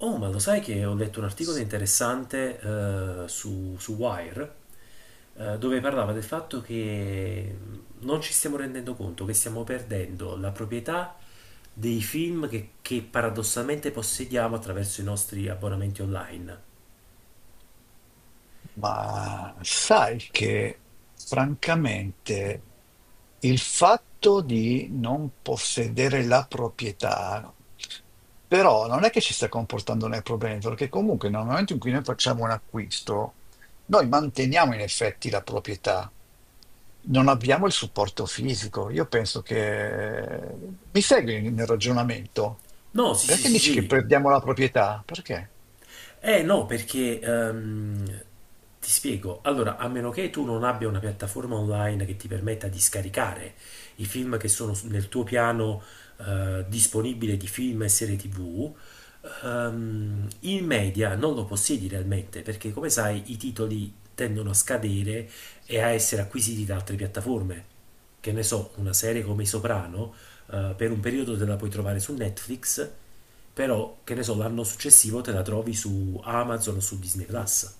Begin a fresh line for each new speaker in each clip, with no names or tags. Oh, ma lo sai che ho letto un articolo interessante su Wire, dove parlava del fatto che non ci stiamo rendendo conto che stiamo perdendo la proprietà dei film che paradossalmente possediamo attraverso i nostri abbonamenti online.
Ma sai che francamente il fatto di non possedere la proprietà, però non è che ci sta comportando nel problema, perché comunque nel momento in cui noi facciamo un acquisto, noi manteniamo in effetti la proprietà. Non abbiamo il supporto fisico. Io penso che. Mi segui nel ragionamento?
No, sì, sì,
Perché
sì,
dici che
sì.
perdiamo la proprietà? Perché?
Eh no, perché ti spiego. Allora, a meno che tu non abbia una piattaforma online che ti permetta di scaricare i film nel tuo piano disponibile di film e serie TV, in media non lo possiedi realmente, perché come sai i titoli tendono a scadere e a essere acquisiti da altre piattaforme. Che ne so, una serie come I Soprano, per un periodo te la puoi trovare su Netflix, però, che ne so, l'anno successivo te la trovi su Amazon o su Disney Plus.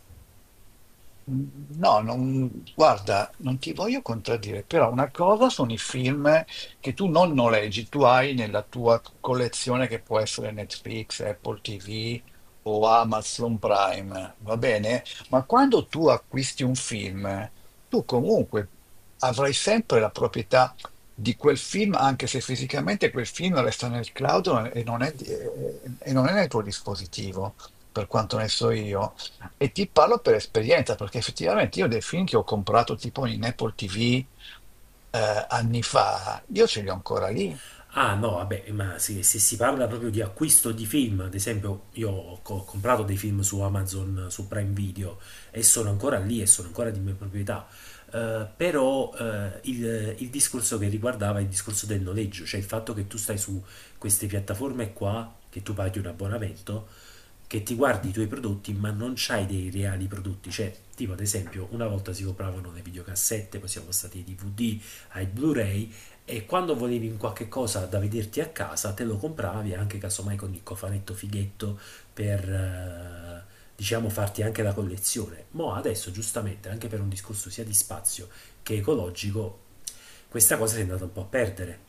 No, non, guarda, non ti voglio contraddire, però una cosa sono i film che tu non noleggi, tu hai nella tua collezione che può essere Netflix, Apple TV o Amazon Prime, va bene? Ma quando tu acquisti un film, tu comunque avrai sempre la proprietà di quel film, anche se fisicamente quel film resta nel cloud e non è nel tuo dispositivo, per quanto ne so io. E ti parlo per esperienza, perché effettivamente io dei film che ho comprato tipo in Apple TV anni fa, io ce li ho ancora lì.
Ah no, vabbè, ma se si parla proprio di acquisto di film, ad esempio ho comprato dei film su Amazon, su Prime Video e sono ancora lì e sono ancora di mia proprietà. Però il discorso che riguardava è il discorso del noleggio, cioè il fatto che tu stai su queste piattaforme qua, che tu paghi un abbonamento, che ti guardi i tuoi prodotti ma non c'hai dei reali prodotti. Cioè, tipo, ad esempio una volta si compravano le videocassette, poi siamo stati ai DVD, ai Blu-ray, e quando volevi un qualche cosa da vederti a casa te lo compravi anche casomai con il cofanetto fighetto per, diciamo, farti anche la collezione. Ma adesso, giustamente, anche per un discorso sia di spazio che ecologico, questa cosa si è andata un po' a perdere.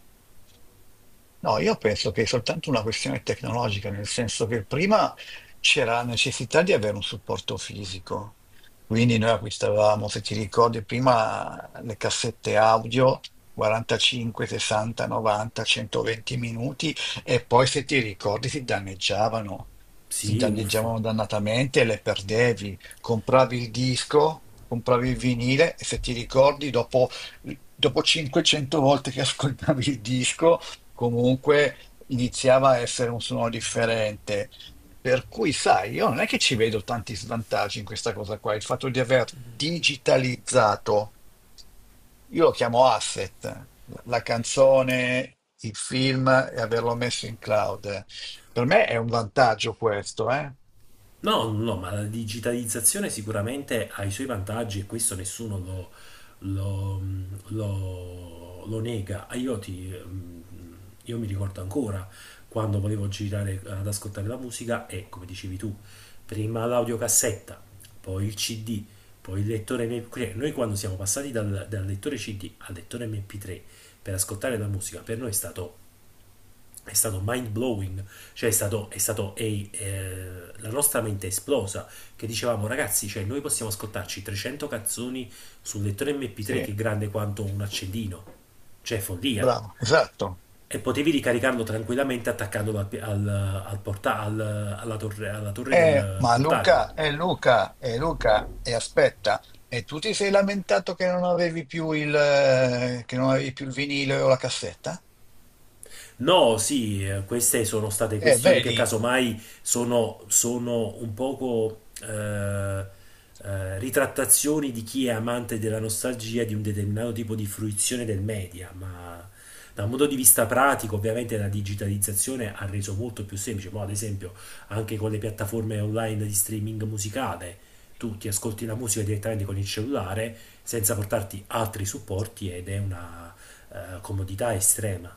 No, io penso che è soltanto una questione tecnologica, nel senso che prima c'era la necessità di avere un supporto fisico. Quindi noi acquistavamo, se ti ricordi, prima le cassette audio 45, 60, 90, 120 minuti e poi se ti ricordi si
Sì, uff.
danneggiavano dannatamente e le perdevi. Compravi il disco, compravi il vinile e se ti ricordi dopo 500 volte che ascoltavi il disco, comunque iniziava a essere un suono differente. Per cui, sai, io non è che ci vedo tanti svantaggi in questa cosa qua, il fatto di aver digitalizzato, io lo chiamo asset, la canzone, il film e averlo messo in cloud. Per me è un vantaggio questo, eh?
No, no, ma la digitalizzazione sicuramente ha i suoi vantaggi e questo nessuno lo- lo nega. Ah. Io mi ricordo ancora quando volevo girare ad ascoltare la musica e, come dicevi tu, prima l'audiocassetta, poi il CD, poi il lettore MP3. Noi quando siamo passati dal lettore CD al lettore MP3 per ascoltare la musica, per noi è stato mind blowing, cioè è stato, la nostra mente è esplosa, che dicevamo: ragazzi, cioè noi possiamo ascoltarci 300 canzoni sul lettore MP3
Sì,
che è grande quanto un accendino, cioè follia!
bravo, esatto.
E potevi ricaricarlo tranquillamente attaccandolo al, pi- al- al porta- al- alla torre
Eh,
del
ma Luca,
portatile.
Luca, Luca, e aspetta, e tu ti sei lamentato che non avevi più il vinile o la cassetta?
No, sì, queste sono state questioni che
Vedi.
casomai sono un poco ritrattazioni di chi è amante della nostalgia di un determinato tipo di fruizione del media, ma da un punto di vista pratico, ovviamente la digitalizzazione ha reso molto più semplice. Ma ad esempio anche con le piattaforme online di streaming musicale, tu ti ascolti la musica direttamente con il cellulare senza portarti altri supporti, ed è una comodità estrema.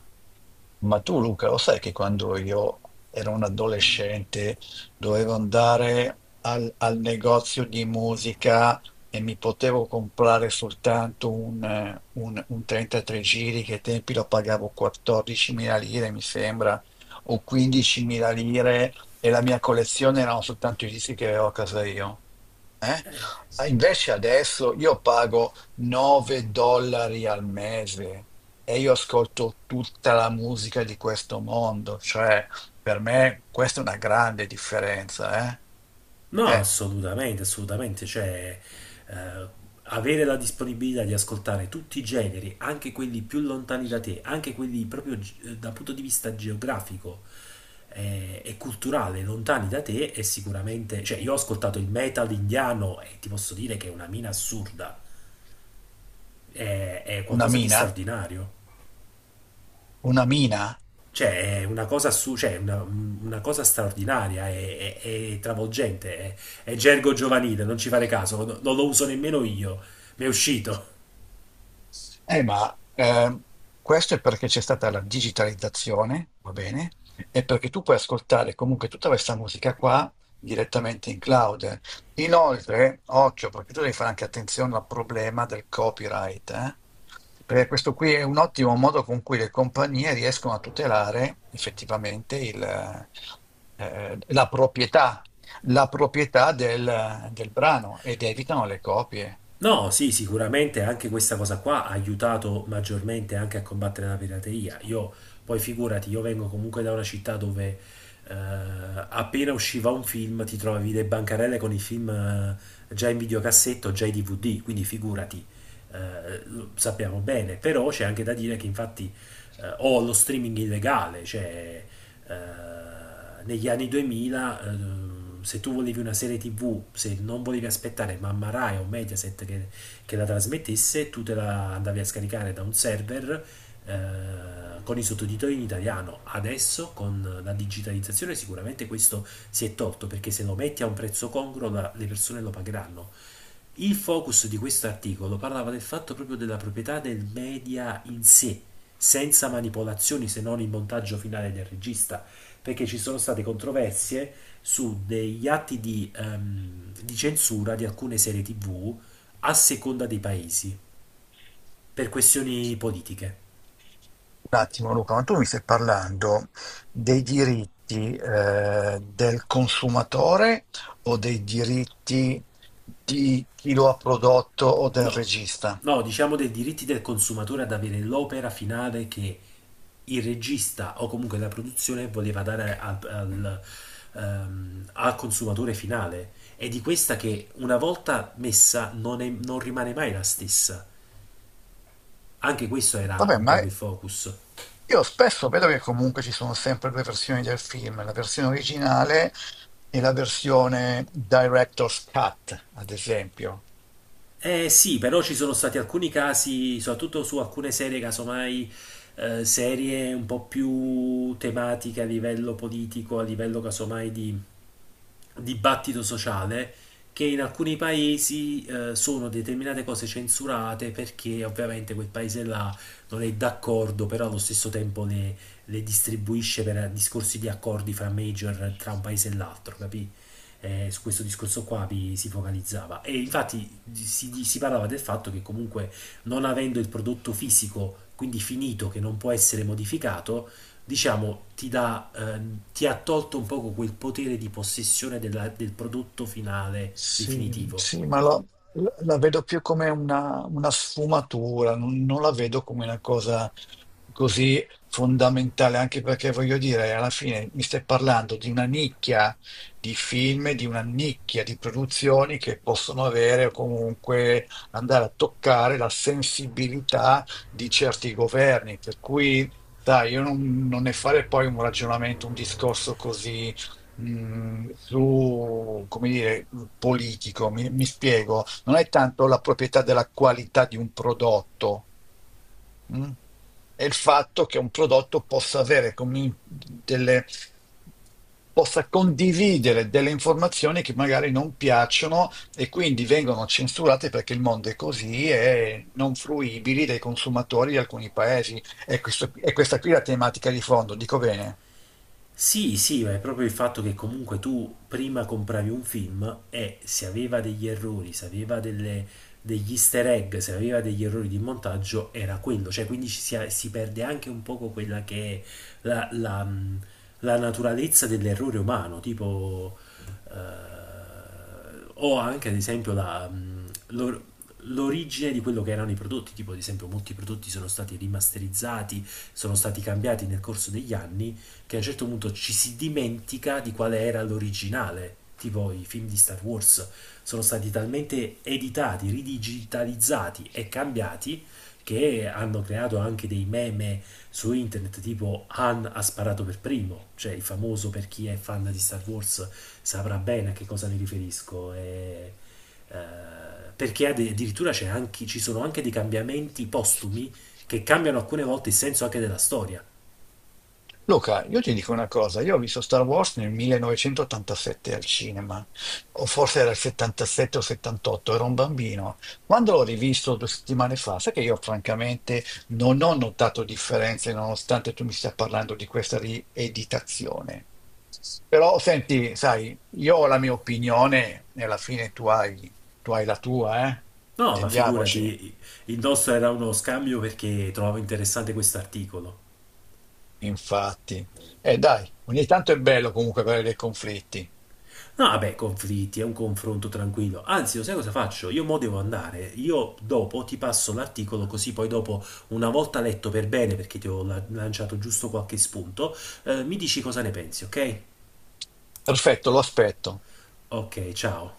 Ma tu, Luca, lo sai che quando io ero un adolescente dovevo andare al negozio di musica e mi potevo comprare soltanto un 33 giri, che ai tempi lo pagavo 14.000 lire, mi sembra, o 15.000 lire, e la mia collezione erano soltanto i dischi che avevo a casa io. Eh? Ah, invece adesso io pago 9 dollari al mese. E io ascolto tutta la musica di questo mondo, cioè per me questa è una grande differenza, eh?
No,
È
assolutamente, assolutamente. Cioè, eh, avere la disponibilità di ascoltare tutti i generi, anche quelli più lontani da te, anche quelli proprio dal punto di vista geografico e culturale, lontani da te, è sicuramente... Cioè, io ho ascoltato il metal indiano e ti posso dire che è una mina assurda, è
una
qualcosa di
mina,
straordinario.
una mina.
Cioè, è una cosa, cioè, una cosa straordinaria, è travolgente, è gergo giovanile, non ci fare caso, non lo uso nemmeno io, mi è uscito.
Ma questo è perché c'è stata la digitalizzazione, va bene? E perché tu puoi ascoltare comunque tutta questa musica qua direttamente in cloud. Inoltre, occhio, perché tu devi fare anche attenzione al problema del copyright, eh? Perché questo qui è un ottimo modo con cui le compagnie riescono a tutelare effettivamente la proprietà del brano ed evitano le copie.
No, sì, sicuramente anche questa cosa qua ha aiutato maggiormente anche a combattere la pirateria. Io, poi, figurati, io vengo comunque da una città dove, eh, appena usciva un film ti trovavi le bancarelle con i film, già in videocassetto, già in DVD, quindi figurati, lo sappiamo bene. Però c'è anche da dire che, infatti, o lo streaming illegale, cioè, eh, negli anni 2000, se tu volevi una serie tv, se non volevi aspettare mamma Rai o Mediaset che la trasmettesse, tu te la andavi a scaricare da un server, eh, con i sottotitoli in italiano. Adesso con la digitalizzazione sicuramente questo si è tolto, perché se lo metti a un prezzo congruo le persone lo pagheranno. Il focus di questo articolo parlava del fatto proprio della proprietà del media in sé, senza manipolazioni se non il montaggio finale del regista, perché ci sono state controversie su degli atti di censura di alcune serie TV a seconda dei paesi, per questioni politiche.
Un attimo, Luca, ma tu mi stai parlando dei diritti del consumatore o dei diritti di chi lo ha prodotto o del
No,
regista?
no, diciamo dei diritti del consumatore ad avere l'opera finale che il regista o comunque la produzione voleva dare al consumatore finale. E di questa che, una volta messa, non rimane mai la stessa. Anche questo era
Vabbè,
un
ma
poco il focus.
io spesso vedo che comunque ci sono sempre due versioni del film, la versione originale e la versione director's cut, ad esempio.
Eh sì, però ci sono stati alcuni casi, soprattutto su alcune serie, casomai, serie un po' più tematiche a livello politico, a livello casomai di dibattito sociale, che in alcuni paesi, sono determinate cose censurate perché ovviamente quel paese là non è d'accordo, però allo stesso tempo le distribuisce per discorsi di accordi fra major tra un paese e l'altro, capì? Su questo discorso qua si focalizzava, e infatti si parlava del fatto che comunque, non avendo il prodotto fisico, quindi finito, che non può essere modificato, diciamo, ti dà, ti ha tolto un poco quel potere di possessione del prodotto finale
Sì,
definitivo.
sì, ma la vedo più come una sfumatura, non la vedo come una cosa così fondamentale, anche perché voglio dire, alla fine mi stai parlando di una nicchia di film, di una nicchia di produzioni che possono avere o comunque andare a toccare la sensibilità di certi governi, per cui, sai, io non ne fare poi un ragionamento, un discorso così su, come dire, politico, mi spiego, non è tanto la proprietà della qualità di un prodotto, mh? È il fatto che un prodotto possa condividere delle informazioni che magari non piacciono e quindi vengono censurate perché il mondo è così e non fruibili dai consumatori di alcuni paesi. E questa qui è la tematica di fondo, dico bene.
Sì, sì, ma è proprio il fatto che comunque tu prima compravi un film e se aveva degli errori, se aveva degli easter egg, se aveva degli errori di montaggio, era quello. Cioè, quindi ci si perde anche un poco quella che è la, la, mh, la naturalezza dell'errore umano, tipo... eh, o anche, ad esempio, l'origine di quello che erano i prodotti. Tipo, ad esempio, molti prodotti sono stati rimasterizzati, sono stati cambiati nel corso degli anni, che a un certo punto ci si dimentica di quale era l'originale. Tipo i film di Star Wars sono stati talmente editati, ridigitalizzati e cambiati, che hanno creato anche dei meme su internet tipo "Han ha sparato per primo". Cioè, il famoso, per chi è fan di Star Wars saprà bene a che cosa mi riferisco. E, eh, perché addirittura ci sono anche dei cambiamenti postumi che cambiano alcune volte il senso anche della storia.
Luca, io ti dico una cosa, io ho visto Star Wars nel 1987 al cinema, o forse era il 77 o 78, ero un bambino. Quando l'ho rivisto 2 settimane fa, sai che io francamente non ho notato differenze nonostante tu mi stia parlando di questa rieditazione. Però senti, sai, io ho la mia opinione e alla fine tu hai la tua, eh?
No, ma
Intendiamoci,
figurati, il nostro era uno scambio perché trovavo interessante questo articolo.
infatti. E dai, ogni tanto è bello comunque avere dei conflitti.
No, vabbè, conflitti, è un confronto tranquillo. Anzi, lo sai cosa faccio? Io mo devo andare. Io dopo ti passo l'articolo, così poi dopo, una volta letto per bene, perché ti ho lanciato giusto qualche spunto, mi dici cosa ne pensi, ok?
Perfetto, lo aspetto.
Ok, ciao.